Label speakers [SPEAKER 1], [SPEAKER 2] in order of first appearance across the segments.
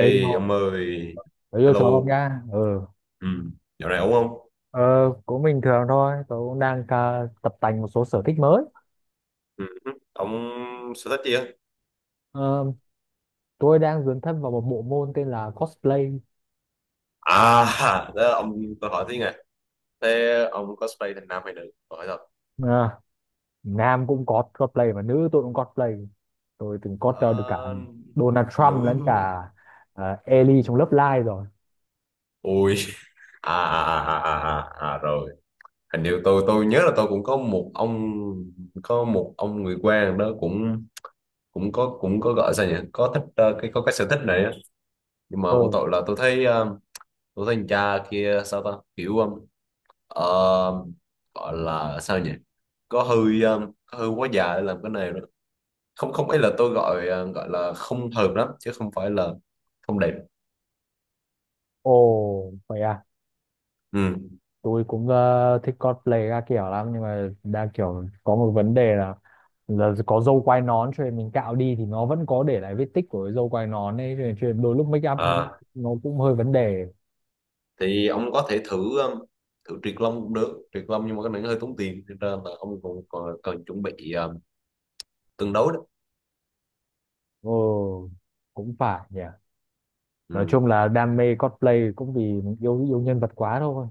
[SPEAKER 1] Ê vô,
[SPEAKER 2] ông ơi,
[SPEAKER 1] tớ vô chó không
[SPEAKER 2] hello,
[SPEAKER 1] nha. Ừ.
[SPEAKER 2] ừ, dạo này ổn không?
[SPEAKER 1] Ờ, cũng bình thường thôi. Tớ cũng đang tập tành một số sở thích mới.
[SPEAKER 2] Ừ. Ông sở thích gì á?
[SPEAKER 1] Ờ, tôi đang dấn thân vào một bộ môn tên là cosplay.
[SPEAKER 2] À, đó, ông tôi hỏi tí nè. Thế ông cosplay thành nam hay nữ? Tôi hỏi thật.
[SPEAKER 1] À, nam cũng có cosplay mà nữ tôi cũng cosplay. Tôi từng cosplay được cả
[SPEAKER 2] Ờ,
[SPEAKER 1] Donald
[SPEAKER 2] nữ.
[SPEAKER 1] Trump lẫn cả Ellie trong Love Live rồi.
[SPEAKER 2] Ui, à, à, à, à, à, à, à, rồi. Hình như tôi nhớ là tôi cũng có một ông người quen đó cũng cũng có gọi sao nhỉ? Có thích cái có cái sở thích này á. Nhưng mà một
[SPEAKER 1] Ừ.
[SPEAKER 2] tội là tôi thấy tôi thấy anh cha kia sao ta? Kiểu ờ, Ờ, Gọi là sao nhỉ, có hơi quá già để làm cái này đó, không không ấy là tôi gọi gọi là không hợp lắm chứ không phải là không đẹp.
[SPEAKER 1] Ồ, vậy à.
[SPEAKER 2] Ừ.
[SPEAKER 1] Tôi cũng thích cosplay các kiểu lắm, nhưng mà đa kiểu có một vấn đề là có râu quai nón, cho nên mình cạo đi thì nó vẫn có để lại vết tích của cái râu quai nón ấy, cho nên đôi lúc make up
[SPEAKER 2] Ờ,
[SPEAKER 1] nó cũng hơi vấn đề.
[SPEAKER 2] thì ông có thể thử thử triệt lông cũng được, triệt lông nhưng mà cái này nó hơi tốn tiền cho nên là ông còn còn cần chuẩn bị tương đối đó.
[SPEAKER 1] Ừ, cũng phải nhỉ. Nói
[SPEAKER 2] Ừ.
[SPEAKER 1] chung là đam mê cosplay cũng vì mình yêu yêu nhân vật quá thôi,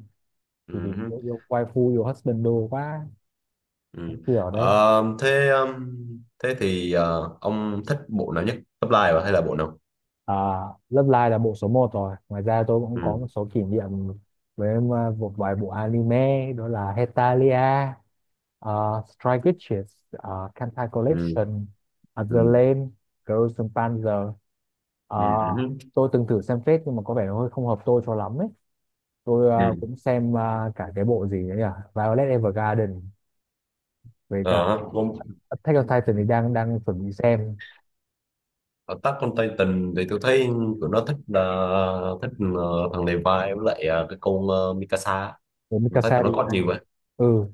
[SPEAKER 1] chỉ vì
[SPEAKER 2] Ừ.
[SPEAKER 1] yêu yêu waifu yêu husband đồ quá,
[SPEAKER 2] Ừ.
[SPEAKER 1] kiểu đấy.
[SPEAKER 2] Ờ, thế Thế thì ông thích bộ nào nhất, top line à, hay là bộ nào?
[SPEAKER 1] À, Love Live là bộ số một rồi. Ngoài ra tôi cũng có
[SPEAKER 2] Ừ.
[SPEAKER 1] một số kỷ niệm với một vài bộ anime, đó là Hetalia, uh, Strike Witches, Kantai
[SPEAKER 2] Ừ.
[SPEAKER 1] Collection, The
[SPEAKER 2] Ừ.
[SPEAKER 1] Lame, Girls and Panzer.
[SPEAKER 2] Ừ.
[SPEAKER 1] Uh,
[SPEAKER 2] Ừ.
[SPEAKER 1] tôi từng thử xem phết nhưng mà có vẻ nó hơi không hợp tôi cho lắm ấy. Tôi
[SPEAKER 2] Ừ.
[SPEAKER 1] cũng xem cả cái bộ gì đấy nhỉ? Violet Evergarden với cả
[SPEAKER 2] Ờ,
[SPEAKER 1] Attack on Titan
[SPEAKER 2] Ở
[SPEAKER 1] thì đang đang chuẩn bị xem.
[SPEAKER 2] Attack on Titan thì tôi thấy tụi nó thích thích thằng Levi với lại cái con Mikasa,
[SPEAKER 1] Với
[SPEAKER 2] tôi thấy
[SPEAKER 1] Mikasa
[SPEAKER 2] tụi
[SPEAKER 1] đi
[SPEAKER 2] nó có nhiều
[SPEAKER 1] anh.
[SPEAKER 2] vậy.
[SPEAKER 1] Ừ,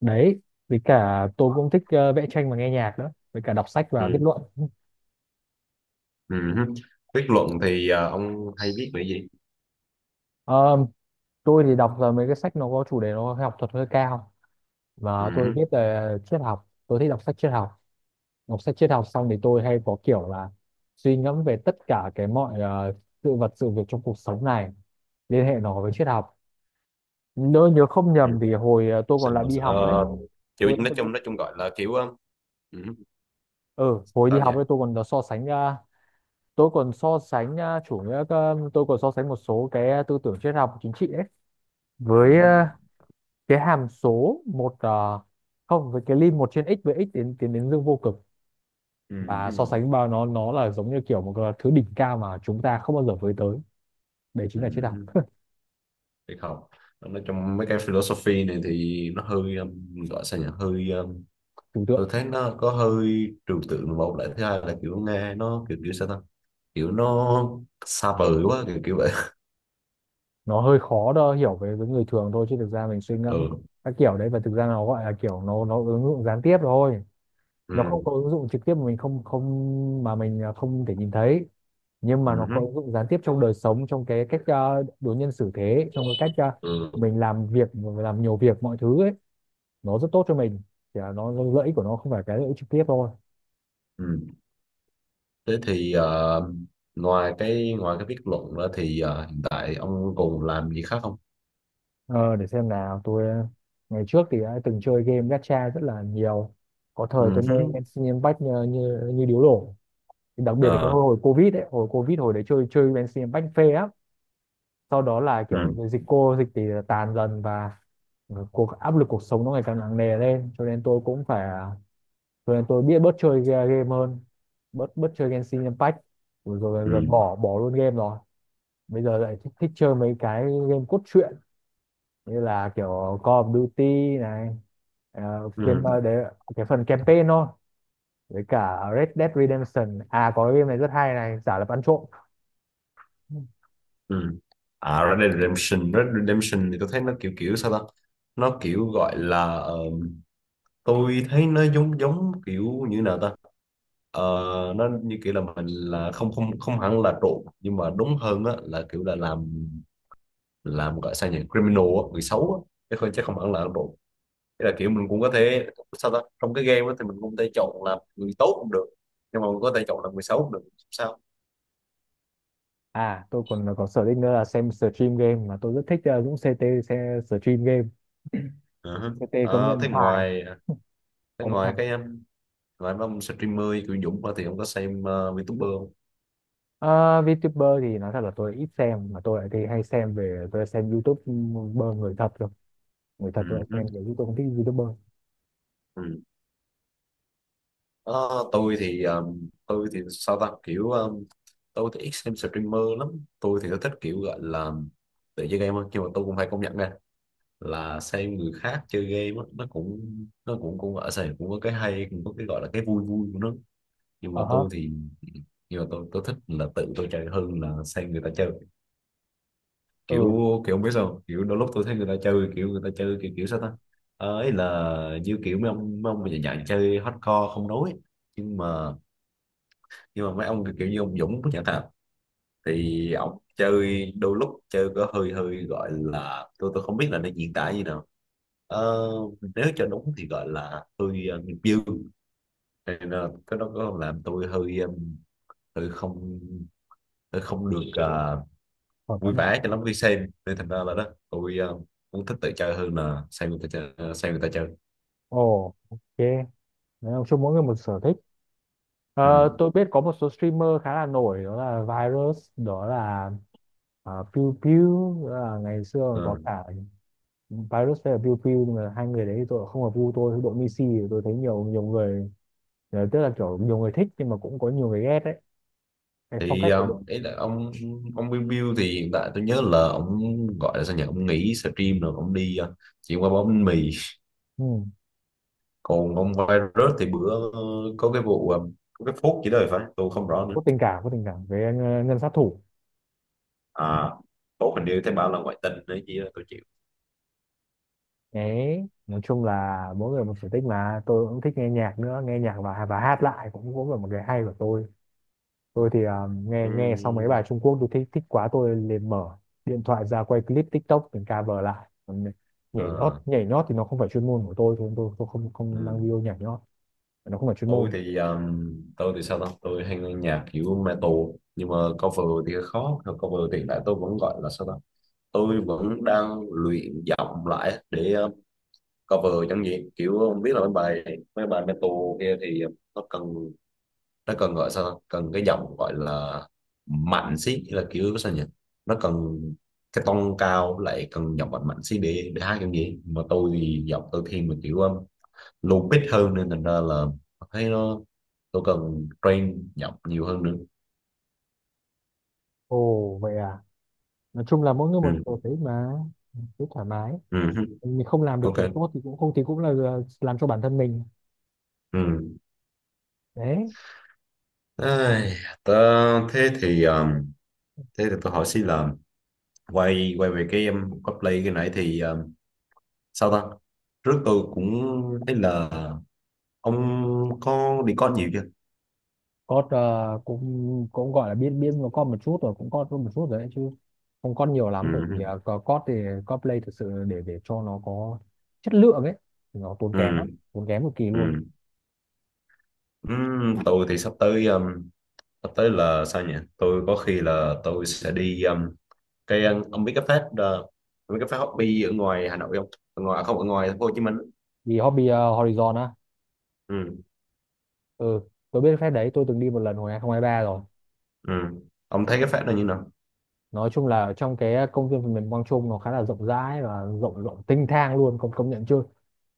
[SPEAKER 1] đấy, với cả tôi cũng thích vẽ tranh và nghe nhạc nữa, với cả đọc sách và viết
[SPEAKER 2] Ừ.
[SPEAKER 1] luận.
[SPEAKER 2] Ừ. Viết luận thì ông hay viết về gì?
[SPEAKER 1] Ờ, tôi thì đọc mấy cái sách nó có chủ đề nó học thuật hơi cao, và tôi
[SPEAKER 2] Ừ.
[SPEAKER 1] viết về triết học. Tôi thích đọc sách triết học. Đọc sách triết học xong thì tôi hay có kiểu là suy ngẫm về tất cả cái mọi sự vật sự việc trong cuộc sống này, liên hệ nó với triết học. Nếu nhớ không
[SPEAKER 2] Ừ.
[SPEAKER 1] nhầm thì hồi tôi còn lại đi học ấy,
[SPEAKER 2] Ờ, kiểu
[SPEAKER 1] tôi đã
[SPEAKER 2] nói
[SPEAKER 1] từng biết.
[SPEAKER 2] chung nói chung gọi là kiểu ừ,
[SPEAKER 1] Ừ, hồi đi
[SPEAKER 2] sao nhỉ.
[SPEAKER 1] học ấy tôi còn có so sánh, tôi còn so sánh tôi còn so sánh một số cái tư tưởng triết học chính trị ấy
[SPEAKER 2] Ừ.
[SPEAKER 1] với cái hàm số một không, với cái lim một trên x với x tiến tiến đến dương vô cực,
[SPEAKER 2] Ừ.
[SPEAKER 1] và so
[SPEAKER 2] Ừ.
[SPEAKER 1] sánh vào nó là giống như kiểu một cái thứ đỉnh cao mà chúng ta không bao giờ với tới. Đấy chính là triết
[SPEAKER 2] Ừ.
[SPEAKER 1] học.
[SPEAKER 2] Thì không, nói chung mấy cái philosophy này thì nó hơi gọi sao nhỉ, hơi
[SPEAKER 1] Trừu
[SPEAKER 2] tôi
[SPEAKER 1] tượng.
[SPEAKER 2] thấy nó có hơi trừu tượng, một lại thứ hai là kiểu nghe nó kiểu kiểu sao ta, kiểu nó xa vời quá kiểu kiểu vậy.
[SPEAKER 1] Nó hơi khó đo hiểu với người thường thôi, chứ thực ra mình suy ngẫm
[SPEAKER 2] Ừ.
[SPEAKER 1] các kiểu đấy, và thực ra nó gọi là kiểu nó ứng dụng gián tiếp thôi. Nó
[SPEAKER 2] Ừ.
[SPEAKER 1] không có ứng dụng trực tiếp mà mình không không mà mình không thể nhìn thấy, nhưng mà nó có
[SPEAKER 2] Ừ.
[SPEAKER 1] ứng dụng gián tiếp trong đời sống, trong cái cách đối nhân xử thế, trong cái cách
[SPEAKER 2] Ừ,
[SPEAKER 1] mình làm việc mình làm nhiều việc mọi thứ ấy. Nó rất tốt cho mình, chỉ là nó lợi ích của nó không phải cái lợi ích trực tiếp thôi.
[SPEAKER 2] ừ. Thế thì ngoài cái viết luận đó thì hiện tại ông còn làm gì khác không?
[SPEAKER 1] Ờ, để xem nào, tôi ngày trước thì đã từng chơi game gacha rất là nhiều. Có
[SPEAKER 2] Ừ
[SPEAKER 1] thời tôi mê
[SPEAKER 2] hứ.
[SPEAKER 1] Genshin Impact như, như, như điếu đổ, đặc biệt là cái
[SPEAKER 2] Ờ.
[SPEAKER 1] hồi, hồi Covid ấy. Hồi Covid hồi đấy chơi chơi Genshin Impact phê lắm. Sau đó là kiểu
[SPEAKER 2] Ừ.
[SPEAKER 1] dịch cô dịch thì tàn dần, và cuộc áp lực cuộc sống nó ngày càng nặng nề lên cho nên tôi cũng phải rồi nên tôi biết bớt chơi game hơn, bớt bớt chơi Genshin Impact, rồi, rồi dần dần
[SPEAKER 2] Ừ.
[SPEAKER 1] bỏ bỏ luôn game rồi. Bây giờ lại thích, thích chơi mấy cái game cốt truyện, như là kiểu Call of Duty này, ờ, game
[SPEAKER 2] Ừ.
[SPEAKER 1] đấy cái phần campaign thôi, với cả Red Dead Redemption. À có cái game này rất hay này, giả lập ăn trộm.
[SPEAKER 2] Ừ. À, Red Dead Redemption, Red Dead Redemption thì tôi thấy nó kiểu kiểu sao ta, nó kiểu gọi là tôi thấy nó giống giống kiểu như nào ta. Ờ, nó như kiểu là mình là không không không hẳn là trộn nhưng mà đúng hơn á là kiểu là làm gọi sao nhỉ, criminal á, người xấu á, chứ không hẳn là ác độ. Thế là kiểu mình cũng có thể sao ta, trong cái game á thì mình cũng có thể chọn làm người tốt cũng được, nhưng mà mình có thể chọn làm người xấu cũng được, sao.
[SPEAKER 1] À, tôi còn có sở thích nữa là xem stream game, mà tôi rất thích Dũng CT. Xem stream game
[SPEAKER 2] Ờ.
[SPEAKER 1] CT công
[SPEAKER 2] Ờ,
[SPEAKER 1] nhận hài
[SPEAKER 2] thế
[SPEAKER 1] ông ấy.
[SPEAKER 2] ngoài cái Ngoài mấy ông streamer kiểu Dũng ra thì ông có xem VTuber không?
[SPEAKER 1] Ờ, VTuber thì nói thật là tôi ít xem, mà tôi lại thì hay xem về, tôi xem YouTuber người thật rồi. Người thật
[SPEAKER 2] ừ,
[SPEAKER 1] tôi lại
[SPEAKER 2] hứ,
[SPEAKER 1] xem về, chứ tôi không thích YouTuber.
[SPEAKER 2] ừ. Ờ, tôi thì sao ta, kiểu tôi thì ít xem streamer lắm, tôi thì tôi thích kiểu gọi là tự chơi game hơn, nhưng mà tôi cũng phải công nhận nha, là xem người khác chơi game á, nó cũng cũng ở sài, cũng có cái hay, cũng có cái gọi là cái vui vui của nó, nhưng mà
[SPEAKER 1] Ờ hả.
[SPEAKER 2] tôi thì nhưng mà tôi thích là tự tôi chơi hơn là xem người ta chơi, kiểu
[SPEAKER 1] Ừ.
[SPEAKER 2] kiểu không biết sao không? Kiểu đôi lúc tôi thấy người ta chơi kiểu người ta chơi kiểu kiểu sao ta. Ờ, ấy là như kiểu mấy ông mà dạng dạng chơi hardcore không nói, nhưng mà nhưng mà mấy ông kiểu kiểu như ông Dũng chẳng hạn, thì ổng chơi đôi lúc chơi có hơi hơi gọi là tôi không biết là nó diễn tả như nào. Ờ, nếu cho đúng thì gọi là hơi nghiệp dư, nên là cái đó có làm tôi hơi hơi không hơi không được
[SPEAKER 1] Còn
[SPEAKER 2] vui
[SPEAKER 1] lắm à.
[SPEAKER 2] vẻ cho lắm khi xem, nên thành ra là đó tôi cũng thích tự chơi hơn là xem người ta chơi, ờ, xem người ta chơi.
[SPEAKER 1] Ồ, ok. Nói chung mỗi người một sở thích.
[SPEAKER 2] Ừ.
[SPEAKER 1] Ờ, tôi biết có một số streamer khá là nổi, đó là Virus, đó là Pew Pew, đó là ngày xưa còn có
[SPEAKER 2] Ờ.
[SPEAKER 1] cả Virus với là Pew Pew. Nhưng mà hai người đấy thì tôi không hợp gu, tôi đội Messi. Thì tôi thấy nhiều nhiều người, ờ, tức là kiểu nhiều người thích nhưng mà cũng có nhiều người ghét đấy cái phong
[SPEAKER 2] Thì
[SPEAKER 1] cách của đội.
[SPEAKER 2] ý là ông Bill Bill thì hiện tại tôi nhớ là ông gọi là sao nhỉ, ông nghỉ stream rồi ông đi chuyển qua bóng bánh mì,
[SPEAKER 1] Ừ.
[SPEAKER 2] còn ông virus thì bữa có cái vụ có cái phốt chỉ đời phải, tôi không rõ nữa.
[SPEAKER 1] Có tình cảm, có tình cảm với ngân, ngân sát thủ.
[SPEAKER 2] À, phốt hình như thấy bảo là ngoại tình đấy, chứ tôi chịu.
[SPEAKER 1] Đấy, nói chung là mỗi người một sở thích mà. Tôi cũng thích nghe nhạc nữa, nghe nhạc và hát lại cũng cũng là một cái hay của tôi. Tôi thì nghe nghe xong mấy
[SPEAKER 2] Ừm,
[SPEAKER 1] bài Trung Quốc tôi thích thích quá, tôi liền mở điện thoại ra quay clip TikTok mình cover lại. Còn nhảy nhót,
[SPEAKER 2] ờ,
[SPEAKER 1] nhảy nhót thì nó không phải chuyên môn của tôi, tôi không không đăng
[SPEAKER 2] ừm.
[SPEAKER 1] video nhảy nhót. Nó không phải chuyên
[SPEAKER 2] Tôi
[SPEAKER 1] môn.
[SPEAKER 2] thì tôi thì sao ta, tôi hay nghe nhạc kiểu metal, nhưng mà cover thì khó cover, hiện tại tôi vẫn gọi là sao ta, tôi vẫn đang luyện giọng lại để cover chẳng gì kiểu không biết là mấy bài metal kia thì nó cần gọi sao ta? Cần cái giọng gọi là mạnh xí là kiểu sao nhỉ, nó cần cái tông cao lại cần giọng mạnh mạnh xí để hát kiểu gì, mà tôi thì giọng tôi thiên về kiểu low pitch hơn, nên thành ra là thấy nó tôi cần train giọng nhiều hơn nữa.
[SPEAKER 1] Ồ vậy à. Nói chung là mỗi người
[SPEAKER 2] Ừ.
[SPEAKER 1] một sở thích mà, cứ thoải mái.
[SPEAKER 2] Ừ.
[SPEAKER 1] Mình không làm được thật
[SPEAKER 2] Ok.
[SPEAKER 1] tốt thì cũng không, thì cũng là làm cho bản thân mình.
[SPEAKER 2] Ừ.
[SPEAKER 1] Đấy.
[SPEAKER 2] Ai, tớ- thế thì um, thế thì tôi hỏi xin là quay quay về cái cosplay cái nãy thì sao ta, trước tôi cũng thấy là ông có đi con nhiều chưa?
[SPEAKER 1] Có, ờ, cũng cũng gọi là biết biết nó có một chút rồi, cũng có một chút rồi đấy chứ, không có nhiều lắm. Bởi vì ờ,
[SPEAKER 2] Ừ.
[SPEAKER 1] có thì có play thực sự để cho nó có chất lượng ấy, thì nó tốn kém lắm.
[SPEAKER 2] Ừ.
[SPEAKER 1] Tốn kém cực kỳ luôn.
[SPEAKER 2] Ừ. Ừ. Tôi thì sắp tới là sao nhỉ, tôi có khi là tôi sẽ đi cái ông biết cái fest ông biết cái fest hobby ở ngoài Hà Nội không, ở ngoài à, không, ở ngoài thành phố Hồ Chí Minh?
[SPEAKER 1] Vì hobby ờ, Horizon á.
[SPEAKER 2] Ừ.
[SPEAKER 1] Ừ, tôi biết phép đấy, tôi từng đi một lần hồi 2023 rồi.
[SPEAKER 2] Ừ. Ông thấy cái fest này như nào?
[SPEAKER 1] Nói chung là trong cái công viên phần mềm Quang Trung, nó khá là rộng rãi, và rộng rộng tinh thang luôn, công công nhận chưa.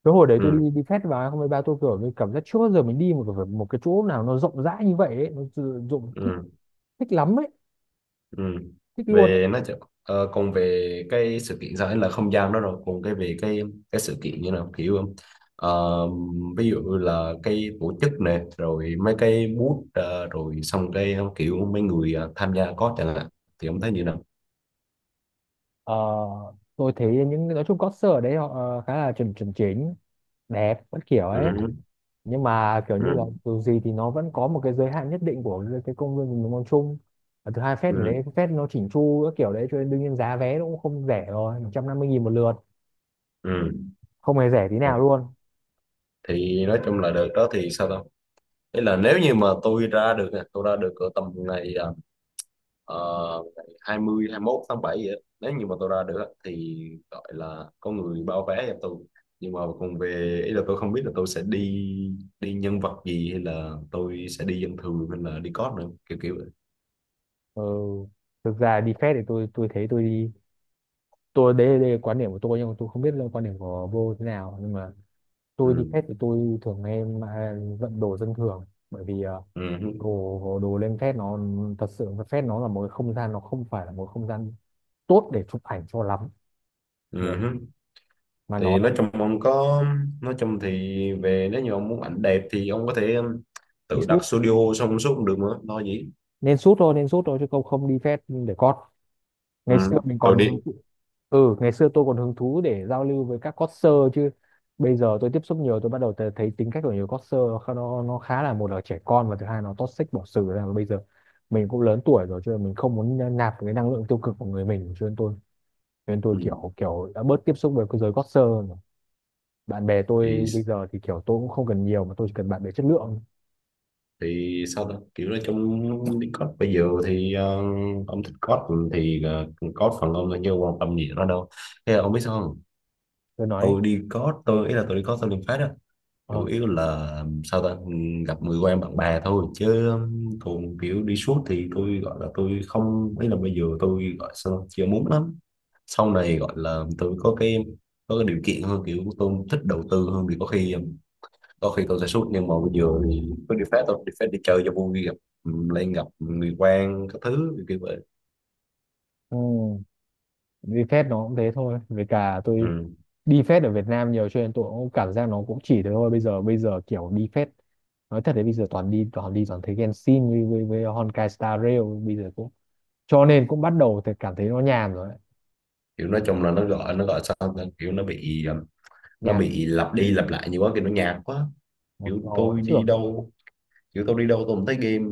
[SPEAKER 1] Cái hồi đấy tôi
[SPEAKER 2] Ừ.
[SPEAKER 1] đi đi fest vào hai festival ba, tôi kiểu như cảm giác chưa bao giờ mình đi một cái chỗ nào nó rộng rãi như vậy ấy. Nó sử dụng thích,
[SPEAKER 2] Ừ.
[SPEAKER 1] thích lắm ấy.
[SPEAKER 2] Ừ.
[SPEAKER 1] Thích luôn.
[SPEAKER 2] Về nó ờ, còn về cái sự kiện sao ấy là không gian đó rồi, còn cái về cái sự kiện như nào kiểu không? Ờ, ví dụ là cái tổ chức này rồi mấy cái booth rồi xong cái kiểu mấy người tham gia có chẳng hạn, thì ông thấy như nào?
[SPEAKER 1] Ờ, tôi thấy những nói chung concert ở đấy họ khá là chuẩn chuẩn chỉnh, đẹp các kiểu
[SPEAKER 2] Ừ.
[SPEAKER 1] ấy. Nhưng mà kiểu như là
[SPEAKER 2] Ừ.
[SPEAKER 1] dù gì thì nó vẫn có một cái giới hạn nhất định của cái công viên mình mong chung. Và thứ hai fest ở
[SPEAKER 2] Ừ.
[SPEAKER 1] đấy fest nó chỉnh chu các kiểu đấy, cho nên đương nhiên giá vé nó cũng không rẻ rồi, 150 nghìn một lượt.
[SPEAKER 2] Ừ.
[SPEAKER 1] Không hề rẻ tí
[SPEAKER 2] Ừ.
[SPEAKER 1] nào luôn.
[SPEAKER 2] Thì nói chung là đợt đó thì sao đâu. Ý là nếu như mà tôi ra được nè, tôi ra được ở tầm ngày uh, 20 21 tháng 7 vậy á, nếu như mà tôi ra được á, thì gọi là có người bao vé cho tôi, nhưng mà còn về, ý là tôi không biết là tôi sẽ đi đi nhân vật gì hay là tôi sẽ đi dân thường hay là đi cóp nữa kiểu kiểu vậy.
[SPEAKER 1] Ừ. Thực ra đi fest thì tôi thấy tôi đi, tôi đấy, đấy là quan điểm của tôi nhưng mà tôi không biết là quan điểm của vô thế nào, nhưng mà tôi đi
[SPEAKER 2] Ừ.
[SPEAKER 1] phép thì tôi thường em vận đồ dân thường. Bởi vì
[SPEAKER 2] Ừ.
[SPEAKER 1] đồ đồ lên phép nó, thật sự là phép nó là một cái không gian, nó không phải là một không gian tốt để chụp ảnh cho lắm, để
[SPEAKER 2] Ừ.
[SPEAKER 1] mà nó
[SPEAKER 2] Thì
[SPEAKER 1] là
[SPEAKER 2] nói chung ông có nói chung thì về nếu như ông muốn ảnh đẹp thì ông có thể
[SPEAKER 1] đi
[SPEAKER 2] tự
[SPEAKER 1] shoot.
[SPEAKER 2] đặt studio xong suốt cũng được mà lo gì.
[SPEAKER 1] Nên shoot thôi, nên shoot thôi, chứ không không đi phép để cót.
[SPEAKER 2] Ừ.
[SPEAKER 1] Ngày xưa mình
[SPEAKER 2] Tôi
[SPEAKER 1] còn.
[SPEAKER 2] đi.
[SPEAKER 1] Ừ, ngày xưa tôi còn hứng thú để giao lưu với các coder chứ. Bây giờ tôi tiếp xúc nhiều, tôi bắt đầu thấy tính cách của nhiều coder nó khá là một là trẻ con, và thứ hai nó toxic bỏ xử ra. Và bây giờ mình cũng lớn tuổi rồi, cho nên mình không muốn nạp cái năng lượng tiêu cực của người mình, cho nên tôi, cho nên tôi
[SPEAKER 2] Ừ.
[SPEAKER 1] kiểu kiểu đã bớt tiếp xúc với cái giới coder hơn rồi. Bạn bè
[SPEAKER 2] thì
[SPEAKER 1] tôi bây giờ thì kiểu tôi cũng không cần nhiều, mà tôi chỉ cần bạn bè chất lượng.
[SPEAKER 2] thì sao ta, kiểu nói chung đi code bây giờ thì ông thích code thì code phần ông thôi chứ ông quan tâm gì nó đâu, thế là ông biết sao không,
[SPEAKER 1] Tôi nói đi.
[SPEAKER 2] tôi đi code tôi ý là tôi đi code tôi liền phát á, chủ
[SPEAKER 1] Ờ.
[SPEAKER 2] yếu là ừ, sao ta ừ, gặp người quen bạn bè thôi chứ, còn kiểu đi suốt thì tôi gọi là tôi không, ý là bây giờ tôi gọi sao ta? Chưa muốn lắm, sau này gọi là tôi có cái điều kiện hơn kiểu tôi thích đầu tư hơn thì có khi ừ, đôi khi tôi sẽ sút, nhưng mà bây giờ thì có đi phép tôi đi phép đi chơi cho vui gặp ừ, lên gặp người quen các thứ kiểu kiểu vậy.
[SPEAKER 1] Ừ. Đi phép nó cũng thế thôi, với cả tôi
[SPEAKER 2] Ừ.
[SPEAKER 1] đi phép ở Việt Nam nhiều cho nên tôi cũng cảm giác nó cũng chỉ thế thôi. Bây giờ bây giờ kiểu đi phép, nói thật đấy, bây giờ toàn đi toàn đi toàn thấy Genshin với Honkai Star Rail, bây giờ cũng cho nên cũng bắt đầu thì cảm thấy nó nhàm rồi đấy.
[SPEAKER 2] Kiểu nói chung là nó gọi sao ta? Kiểu nó bị nó
[SPEAKER 1] Nhạt.
[SPEAKER 2] bị lặp đi lặp lại nhiều quá, kiểu nó nhạt quá,
[SPEAKER 1] Một
[SPEAKER 2] kiểu
[SPEAKER 1] màu ấy
[SPEAKER 2] tôi đi
[SPEAKER 1] trưởng.
[SPEAKER 2] đâu kiểu tôi đi đâu tôi cũng thấy game,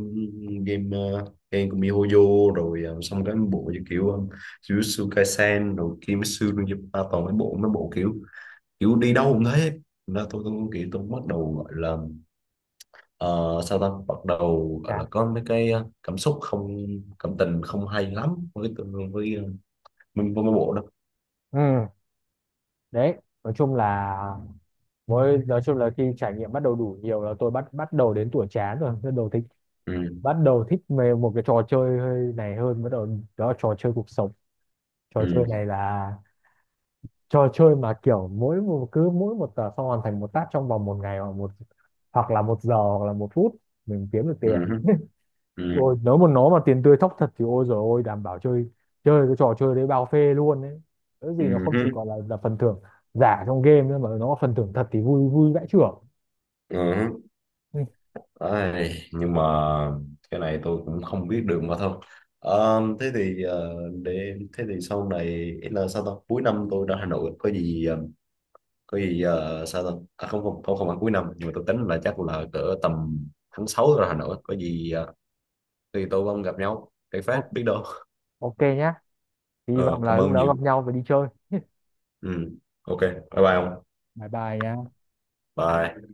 [SPEAKER 2] game game của MiHoYo rồi xong cái bộ như kiểu Jujutsu Kaisen rồi Kimetsu no Yaiba, toàn mấy bộ kiểu kiểu đi đâu cũng thế. Thành tôi kiểu tôi bắt đầu gọi là Ờ, sau đó bắt đầu gọi là
[SPEAKER 1] Chán.
[SPEAKER 2] có mấy cái cảm xúc không cảm tình không hay lắm với với mấy bộ đó.
[SPEAKER 1] Ừ. Đấy nói chung là, với nói chung là khi trải nghiệm bắt đầu đủ nhiều là tôi bắt bắt đầu đến tuổi chán rồi, bắt đầu thích,
[SPEAKER 2] Ừ.
[SPEAKER 1] bắt đầu thích về một cái trò chơi hơi này hơn, bắt đầu, đó là trò chơi cuộc sống. Trò chơi này
[SPEAKER 2] Ừ.
[SPEAKER 1] là trò chơi mà kiểu mỗi một, cứ mỗi một tờ xong hoàn thành một task trong vòng một ngày, hoặc một hoặc là một giờ hoặc là một phút, mình kiếm được tiền.
[SPEAKER 2] Ừ. Ừ.
[SPEAKER 1] Ôi nếu mà nó mà tiền tươi thóc thật thì ôi rồi, ôi đảm bảo chơi, chơi cái trò chơi đấy bao phê luôn đấy. Cái gì nó
[SPEAKER 2] Ừ.
[SPEAKER 1] không chỉ
[SPEAKER 2] Ừ.
[SPEAKER 1] còn là phần thưởng giả trong game nữa, mà nó phần thưởng thật thì vui vui vãi chưởng.
[SPEAKER 2] Ừ.
[SPEAKER 1] Ừ.
[SPEAKER 2] Ai, nhưng mà cái này tôi cũng không biết được mà thôi. Ờ, thế thì để thế thì sau này, ý là sao ta, cuối năm tôi ra Hà Nội có gì có gì sao ta, à, không không không không phải cuối năm, nhưng mà tôi tính là chắc là cỡ tầm tháng 6 tôi ra Hà Nội có gì thì tôi không gặp nhau cái phát
[SPEAKER 1] o-
[SPEAKER 2] biết đâu.
[SPEAKER 1] ok nhá. Hy
[SPEAKER 2] Ờ,
[SPEAKER 1] vọng là
[SPEAKER 2] cảm
[SPEAKER 1] lúc
[SPEAKER 2] ơn
[SPEAKER 1] đó
[SPEAKER 2] nhiều.
[SPEAKER 1] gặp nhau và đi chơi.
[SPEAKER 2] Ừ. Ok, bye bye ông.
[SPEAKER 1] Bye bye nha.
[SPEAKER 2] Bye.